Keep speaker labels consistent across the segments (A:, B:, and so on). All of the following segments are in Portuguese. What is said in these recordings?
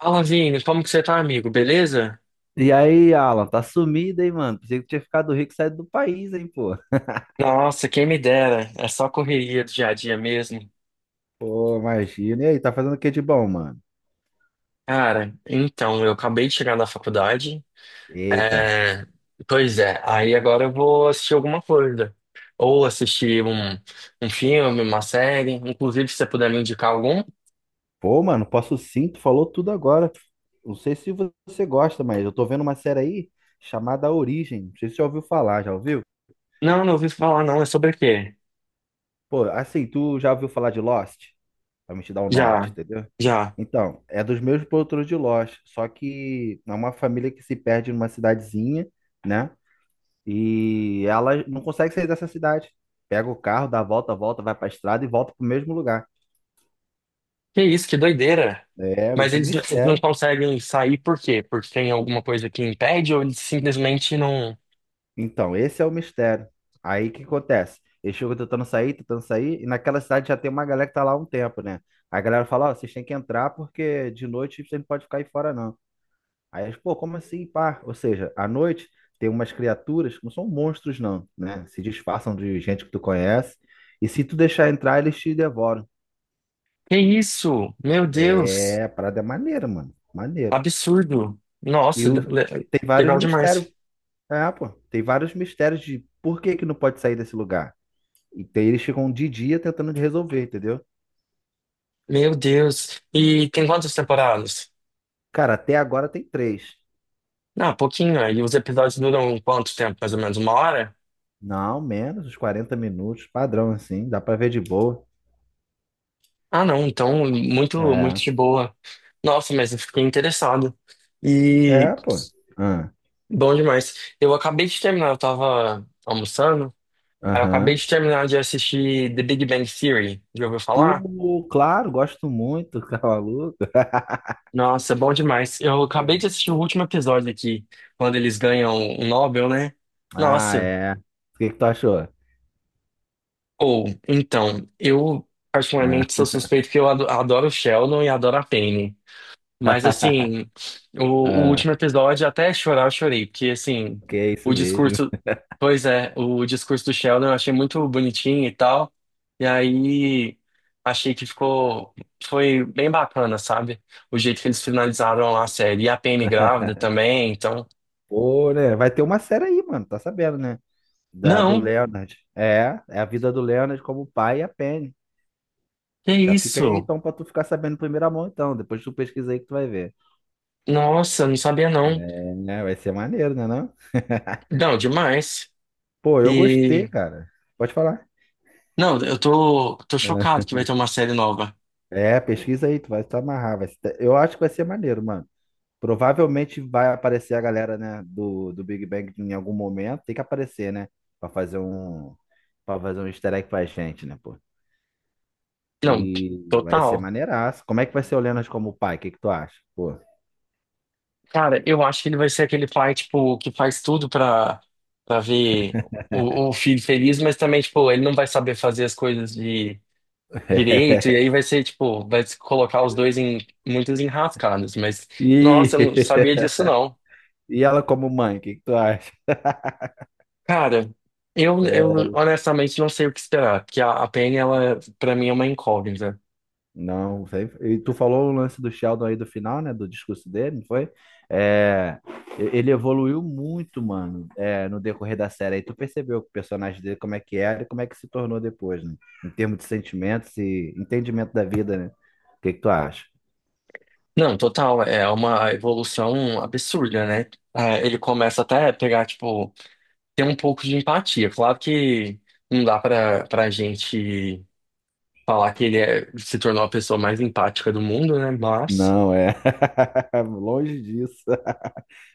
A: Fala, Vini, como que você tá, amigo? Beleza?
B: E aí, Alan, tá sumido, hein, mano? Pensei que tinha ficado rico e saído do país, hein, pô.
A: Nossa, quem me dera. É só correria do dia a dia mesmo.
B: Pô, imagina. E aí, tá fazendo o que de bom, mano?
A: Cara, então, eu acabei de chegar na faculdade.
B: Eita.
A: É. Pois é, aí agora eu vou assistir alguma coisa. Ou assistir um filme, uma série. Inclusive, se você puder me indicar algum.
B: Pô, mano, posso sim, tu falou tudo agora. Não sei se você gosta, mas eu tô vendo uma série aí chamada Origem. Não sei se você já ouviu falar, já ouviu?
A: Não, não ouvi falar, não. É sobre o quê?
B: Pô, assim, tu já ouviu falar de Lost? Pra me te dar o norte,
A: Já,
B: entendeu?
A: já.
B: Então, é dos mesmos produtores de Lost, só que é uma família que se perde numa cidadezinha, né? E ela não consegue sair dessa cidade. Pega o carro, dá a volta, volta, vai pra estrada e volta pro mesmo lugar.
A: Que isso, que doideira.
B: É
A: Mas
B: de
A: eles não
B: mistério.
A: conseguem sair por quê? Porque tem alguma coisa que impede ou eles simplesmente não.
B: Então, esse é o mistério. Aí o que acontece? Eles ficam tentando sair, e naquela cidade já tem uma galera que tá lá há um tempo, né? A galera fala, ó, vocês têm que entrar porque de noite vocês não podem ficar aí fora, não. Aí eles, pô, como assim, pá? Ou seja, à noite tem umas criaturas que não são monstros, não, né? Se disfarçam de gente que tu conhece, e se tu deixar entrar, eles te devoram.
A: Que isso? Meu Deus,
B: É, a parada é maneira, mano. Maneiro.
A: absurdo. Nossa,
B: E, o- e tem vários
A: legal
B: mistérios.
A: demais.
B: É, pô. Tem vários mistérios de por que que não pode sair desse lugar. Eles ficam um de dia tentando de resolver, entendeu?
A: Meu Deus. E tem quantas temporadas?
B: Cara, até agora tem três.
A: Ah, pouquinho. E os episódios duram quanto tempo? Mais ou menos uma hora?
B: Não, menos uns 40 minutos, padrão assim, dá pra ver de boa.
A: Ah, não. Então, muito, muito
B: É,
A: de boa. Nossa, mas eu fiquei interessado. E
B: é, pô. Ah,
A: bom demais. Eu acabei de terminar, eu tava almoçando. Aí eu acabei
B: aham.
A: de terminar de assistir The Big Bang Theory. Já ouviu falar?
B: Pô, claro, gosto muito, Cavaluca.
A: Nossa, bom demais. Eu acabei de assistir o último episódio aqui, quando eles ganham o Nobel, né?
B: Ah,
A: Nossa.
B: é. O que que tu achou?
A: Ou, então, eu
B: Ah,
A: particularmente sou suspeito que eu adoro o Sheldon e adoro a Penny. Mas assim, o
B: ah,
A: último episódio, até chorar, eu chorei, porque assim,
B: que é isso
A: o
B: mesmo.
A: discurso, pois é, o discurso do Sheldon eu achei muito bonitinho e tal. E aí achei que ficou, foi bem bacana, sabe? O jeito que eles finalizaram lá a série. E a Penny grávida também, então.
B: Pô, né? Vai ter uma série aí, mano, tá sabendo, né? Do
A: Não,
B: Leonard. É a vida do Leonard como pai e a Penny.
A: que
B: Já fica aí
A: isso?
B: então pra tu ficar sabendo em primeira mão, então. Depois tu pesquisa aí que tu vai ver.
A: Nossa, não sabia não.
B: É, né? Vai ser maneiro, né, não?
A: Não, demais.
B: Pô, eu gostei,
A: E
B: cara. Pode falar.
A: não, eu tô chocado que vai ter uma série nova.
B: É, pesquisa aí, tu vai se amarrar. Vai se- Eu acho que vai ser maneiro, mano. Provavelmente vai aparecer a galera, né, do Big Bang em algum momento. Tem que aparecer, né? Pra fazer um, pra fazer um easter egg pra gente, né, pô?
A: Não,
B: E vai ser
A: total.
B: maneiraço. Como é que vai ser o Leonard como pai? O que que tu acha? Pô.
A: Cara, eu acho que ele vai ser aquele pai, tipo, que faz tudo pra ver o filho feliz, mas também, tipo, ele não vai saber fazer as coisas de direito, e aí vai ser, tipo, vai se colocar os dois em muitas enrascadas, mas,
B: E,
A: nossa, eu não sabia disso, não.
B: e ela como mãe? O que que tu acha?
A: Cara, eu
B: É,
A: honestamente não sei o que esperar, porque a Penny, ela, pra mim, é uma incógnita.
B: não, sei. E tu falou o lance do Sheldon aí do final, né? Do discurso dele, não foi? É, Ele evoluiu muito, mano, no decorrer da série. Aí tu percebeu que o personagem dele, como é que era e como é que se tornou depois, né? Em termos de sentimentos e entendimento da vida, né? O que que tu acha?
A: Não, total, é uma evolução absurda, né? Ah, ele começa até a pegar, tipo, ter um pouco de empatia. Claro que não dá pra gente falar que ele se tornou a pessoa mais empática do mundo, né? Mas,
B: Não, é longe disso.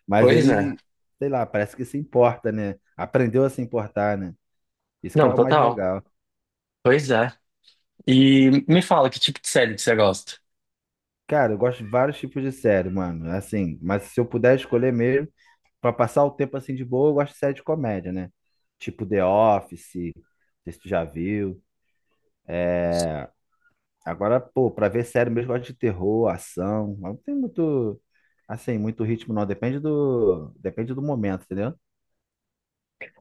B: Mas
A: pois é.
B: ele, sei lá, parece que se importa, né? Aprendeu a se importar, né? Isso que é
A: Não,
B: o mais
A: total,
B: legal.
A: pois é. E me fala que tipo de série que você gosta?
B: Cara, eu gosto de vários tipos de série, mano. Assim, mas se eu puder escolher mesmo, pra passar o tempo assim de boa, eu gosto de série de comédia, né? Tipo The Office, não sei se tu já viu. É, agora, pô, pra ver série mesmo, eu gosto de terror, ação. Mas não tem muito, assim, muito ritmo, não. Depende do momento, entendeu?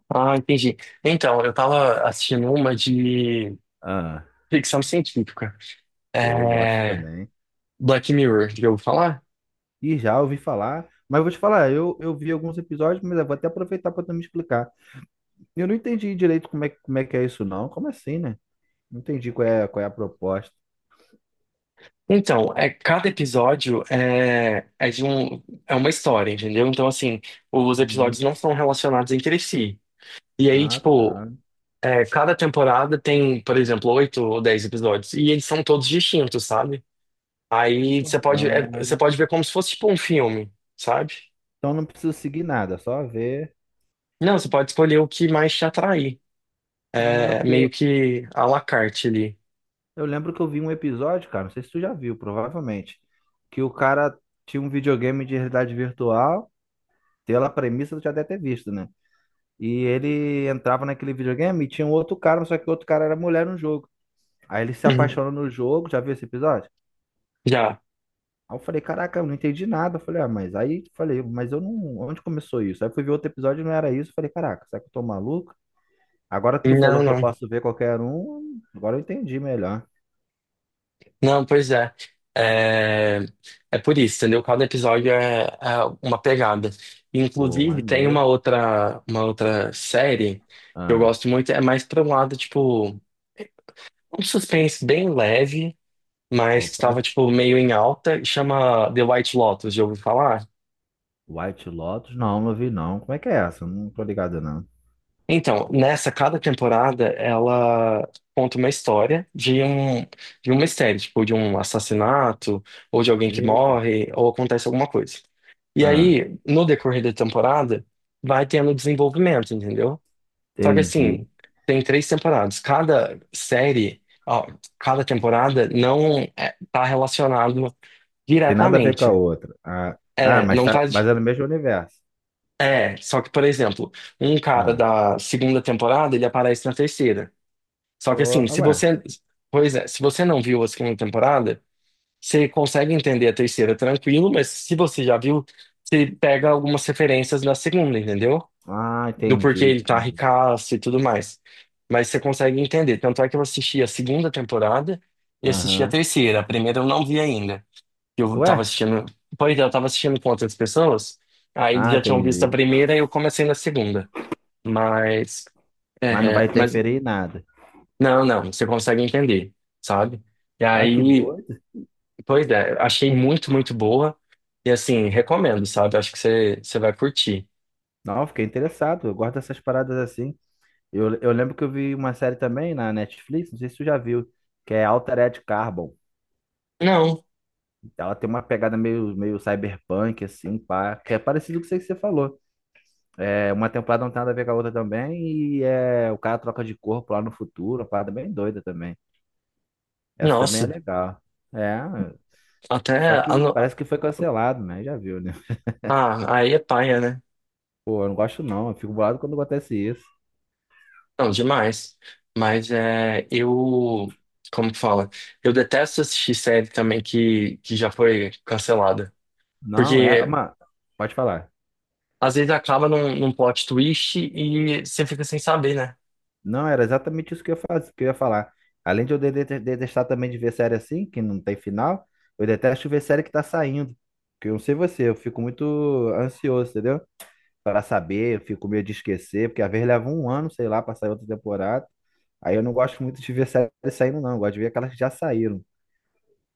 A: Ah, entendi. Então, eu tava assistindo uma de
B: Ah,
A: ficção científica.
B: pô, eu gosto
A: É.
B: também.
A: Black Mirror, já ouviu falar?
B: E já ouvi falar, mas vou te falar, eu vi alguns episódios, mas eu vou até aproveitar para tu me explicar. Eu não entendi direito como é que é isso, não. Como assim, né? Não entendi qual é a proposta.
A: Então, é, cada episódio é de um, é uma história, entendeu? Então, assim, os
B: Hum,
A: episódios não são relacionados entre si. E aí,
B: ah,
A: tipo,
B: tá.
A: é, cada temporada tem, por exemplo, oito ou 10 episódios. E eles são todos distintos, sabe? Aí
B: Ah,
A: você pode ver como se fosse, tipo, um filme, sabe?
B: então não preciso seguir nada, só ver.
A: Não, você pode escolher o que mais te atrair.
B: Ah,
A: É
B: porque
A: meio
B: eu,
A: que à la carte ali.
B: eu lembro que eu vi um episódio, cara, não sei se tu já viu, provavelmente, que o cara tinha um videogame de realidade virtual, pela premissa tu já deve ter visto, né? E ele entrava naquele videogame e tinha um outro cara, só que o outro cara era mulher no jogo. Aí ele se
A: Uhum.
B: apaixona no jogo, já viu esse episódio?
A: Já.
B: Aí eu falei, caraca, eu não entendi nada. Eu falei, ah, mas aí falei, mas eu não. Onde começou isso? Aí eu fui ver outro episódio e não era isso. Eu falei, caraca, será que eu tô maluco? Agora que tu
A: Não,
B: falou que eu
A: não.
B: posso ver qualquer um, agora eu entendi melhor.
A: Não, pois é. É, é por isso, entendeu? Cada episódio é uma pegada.
B: Pô,
A: Inclusive, tem uma
B: maneiro.
A: outra, uma outra série que eu
B: Ah,
A: gosto muito, é mais para um lado, tipo, um suspense bem leve, mas que
B: opa,
A: estava, tipo, meio em alta, chama The White Lotus, já ouviu falar?
B: White Lotus? Não, não vi não. Como é que é essa? Eu não tô ligado não.
A: Então, nessa, cada temporada, ela conta uma história de um mistério, tipo, de um assassinato, ou de alguém que
B: Eita.
A: morre, ou acontece alguma coisa. E
B: Ah,
A: aí, no decorrer da temporada, vai tendo desenvolvimento, entendeu? Só que
B: entendi.
A: assim, tem três temporadas. Cada temporada não é, tá relacionado
B: Tem nada a ver com a
A: diretamente.
B: outra. Ah, ah
A: É,
B: mas,
A: não
B: tá,
A: tá.
B: mas é no mesmo universo.
A: É, só que, por exemplo, um cara
B: Ah,
A: da segunda temporada, ele aparece na terceira. Só que
B: pô,
A: assim,
B: ah, ué.
A: se você não viu a segunda temporada, você consegue entender a terceira tranquilo, mas se você já viu, você pega algumas referências da segunda, entendeu?
B: Ah,
A: Do porquê
B: entendi,
A: ele tá
B: entendi.
A: ricaço e tudo mais. Mas você consegue entender. Tanto é que eu assisti a segunda temporada e assisti a
B: Aham.
A: terceira. A primeira eu não vi ainda. Eu
B: Ué?
A: tava assistindo, eu tava assistindo com outras pessoas, aí eles
B: Ah,
A: já tinham visto a
B: entendi.
A: primeira e eu comecei na segunda. Mas,
B: Mas não
A: é,
B: vai
A: mas
B: interferir em nada.
A: não, não, você consegue entender, sabe? E
B: Cara, que
A: aí,
B: doido.
A: pois é, achei muito, muito boa. E assim, recomendo, sabe? Acho que você vai curtir.
B: Não, eu fiquei interessado. Eu gosto dessas paradas assim. Eu lembro que eu vi uma série também na Netflix, não sei se tu já viu, que é Altered Carbon.
A: Não,
B: Ela tem uma pegada meio cyberpunk, assim, pá, que é parecido com isso aí que você falou. É, uma temporada não tem nada a ver com a outra também, e o cara troca de corpo lá no futuro, uma parada bem doida também. Essa também é
A: nossa,
B: legal. É,
A: até.
B: só
A: A,
B: que
A: no-
B: parece que foi cancelado, né? Já viu, né?
A: ah, aí é paia, né?
B: Pô, eu não gosto não, eu fico bolado quando acontece isso.
A: Não, demais. Mas é, eu. Como que fala? Eu detesto assistir série também que já foi cancelada.
B: Não, é,
A: Porque
B: uma, pode falar.
A: às vezes acaba num plot twist e você fica sem saber, né?
B: Não, era exatamente isso que eu ia fazer, que eu ia falar. Além de eu detestar também de ver série assim, que não tem final, eu detesto ver série que tá saindo. Que eu não sei você, eu fico muito ansioso, entendeu? Para saber, eu fico com medo de esquecer, porque às vezes leva um ano, sei lá, para sair outra temporada. Aí eu não gosto muito de ver série saindo, não. Eu gosto de ver aquelas que já saíram.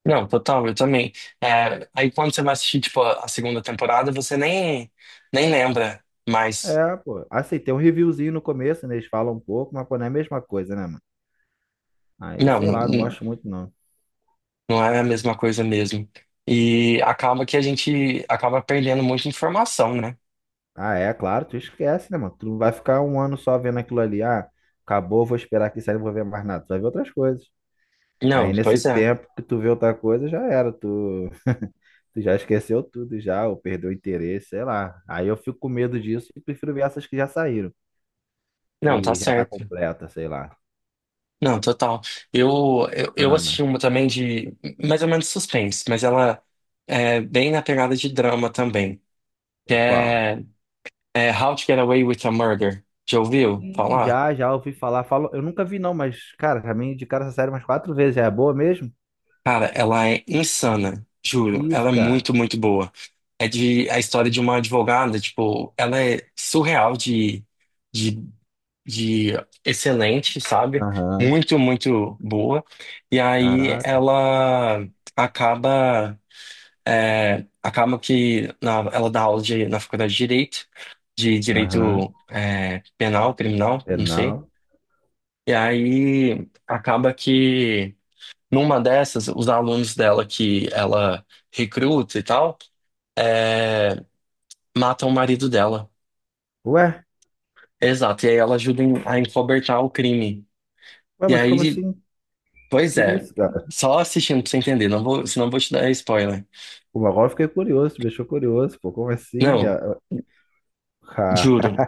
A: Não, total, eu também. É, aí quando você vai assistir, tipo, a segunda temporada, você nem lembra mais.
B: É, pô. Assim, tem um reviewzinho no começo, né? Eles falam um pouco, mas pô, não é a mesma coisa, né, mano? Aí,
A: Não,
B: sei
A: não,
B: lá, não gosto muito, não.
A: não é a mesma coisa mesmo. E acaba que a gente acaba perdendo muita informação, né?
B: Ah, é, claro, tu esquece, né, mano? Tu não vai ficar um ano só vendo aquilo ali. Ah, acabou, vou esperar que sair, não vou ver mais nada. Tu vai ver outras coisas.
A: Não,
B: Aí nesse
A: pois é.
B: tempo que tu vê outra coisa, já era. Tu, tu já esqueceu tudo, já, ou perdeu o interesse, sei lá. Aí eu fico com medo disso e prefiro ver essas que já saíram,
A: Não, tá
B: que já tá
A: certo.
B: completa, sei lá.
A: Não, total. Eu, eu assisti
B: Ana,
A: uma também de mais ou menos suspense, mas ela é bem na pegada de drama também, que
B: ou qual?
A: é How to Get Away with a Murder. Já ouviu
B: Ih,
A: falar?
B: já, ouvi falar. Falo, eu nunca vi, não, mas, cara, já me indicaram essa série umas quatro vezes. Já é boa mesmo?
A: Cara, ela é insana,
B: Que
A: juro. Ela
B: isso,
A: é
B: cara?
A: muito, muito boa. É de a história de uma advogada, tipo, ela é surreal de, de excelente, sabe?
B: Aham.
A: Muito, muito boa. E aí
B: Caraca.
A: ela acaba, acaba que ela dá aula na faculdade de Direito,
B: Aham.
A: Penal, Criminal, não sei.
B: Penal.
A: E aí acaba que numa dessas, os alunos dela que ela recruta e tal, é, matam o marido dela.
B: Ué,
A: Exato, e aí ela ajuda a encobertar o crime.
B: ué,
A: E
B: mas como
A: aí,
B: assim?
A: pois
B: Que
A: é,
B: isso, cara?
A: só assistindo pra você entender, não vou, senão eu vou te dar spoiler.
B: Pô, agora eu fiquei curioso, me deixou curioso, pô, como assim?
A: Não,
B: Ah, ah.
A: juro,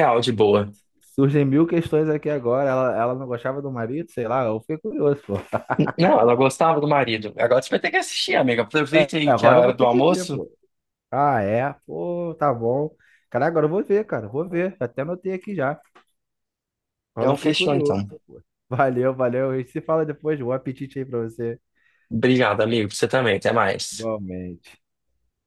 A: de boa.
B: Surgem mil questões aqui agora. Ela não gostava do marido, sei lá, eu fiquei curioso, pô.
A: Não, ela gostava do marido. Agora você vai ter que assistir, amiga.
B: É,
A: Aproveita aí que é a
B: agora eu vou
A: hora do
B: ter que ver,
A: almoço.
B: pô. Ah, é? Pô, tá bom. Cara, agora eu vou ver, cara, vou ver. Até anotei aqui já. Agora
A: Então,
B: eu fiquei
A: fechou
B: curioso,
A: então.
B: pô. Valeu, valeu. E se fala depois, bom apetite aí pra você.
A: Obrigado, amigo, você também. Até mais.
B: Igualmente.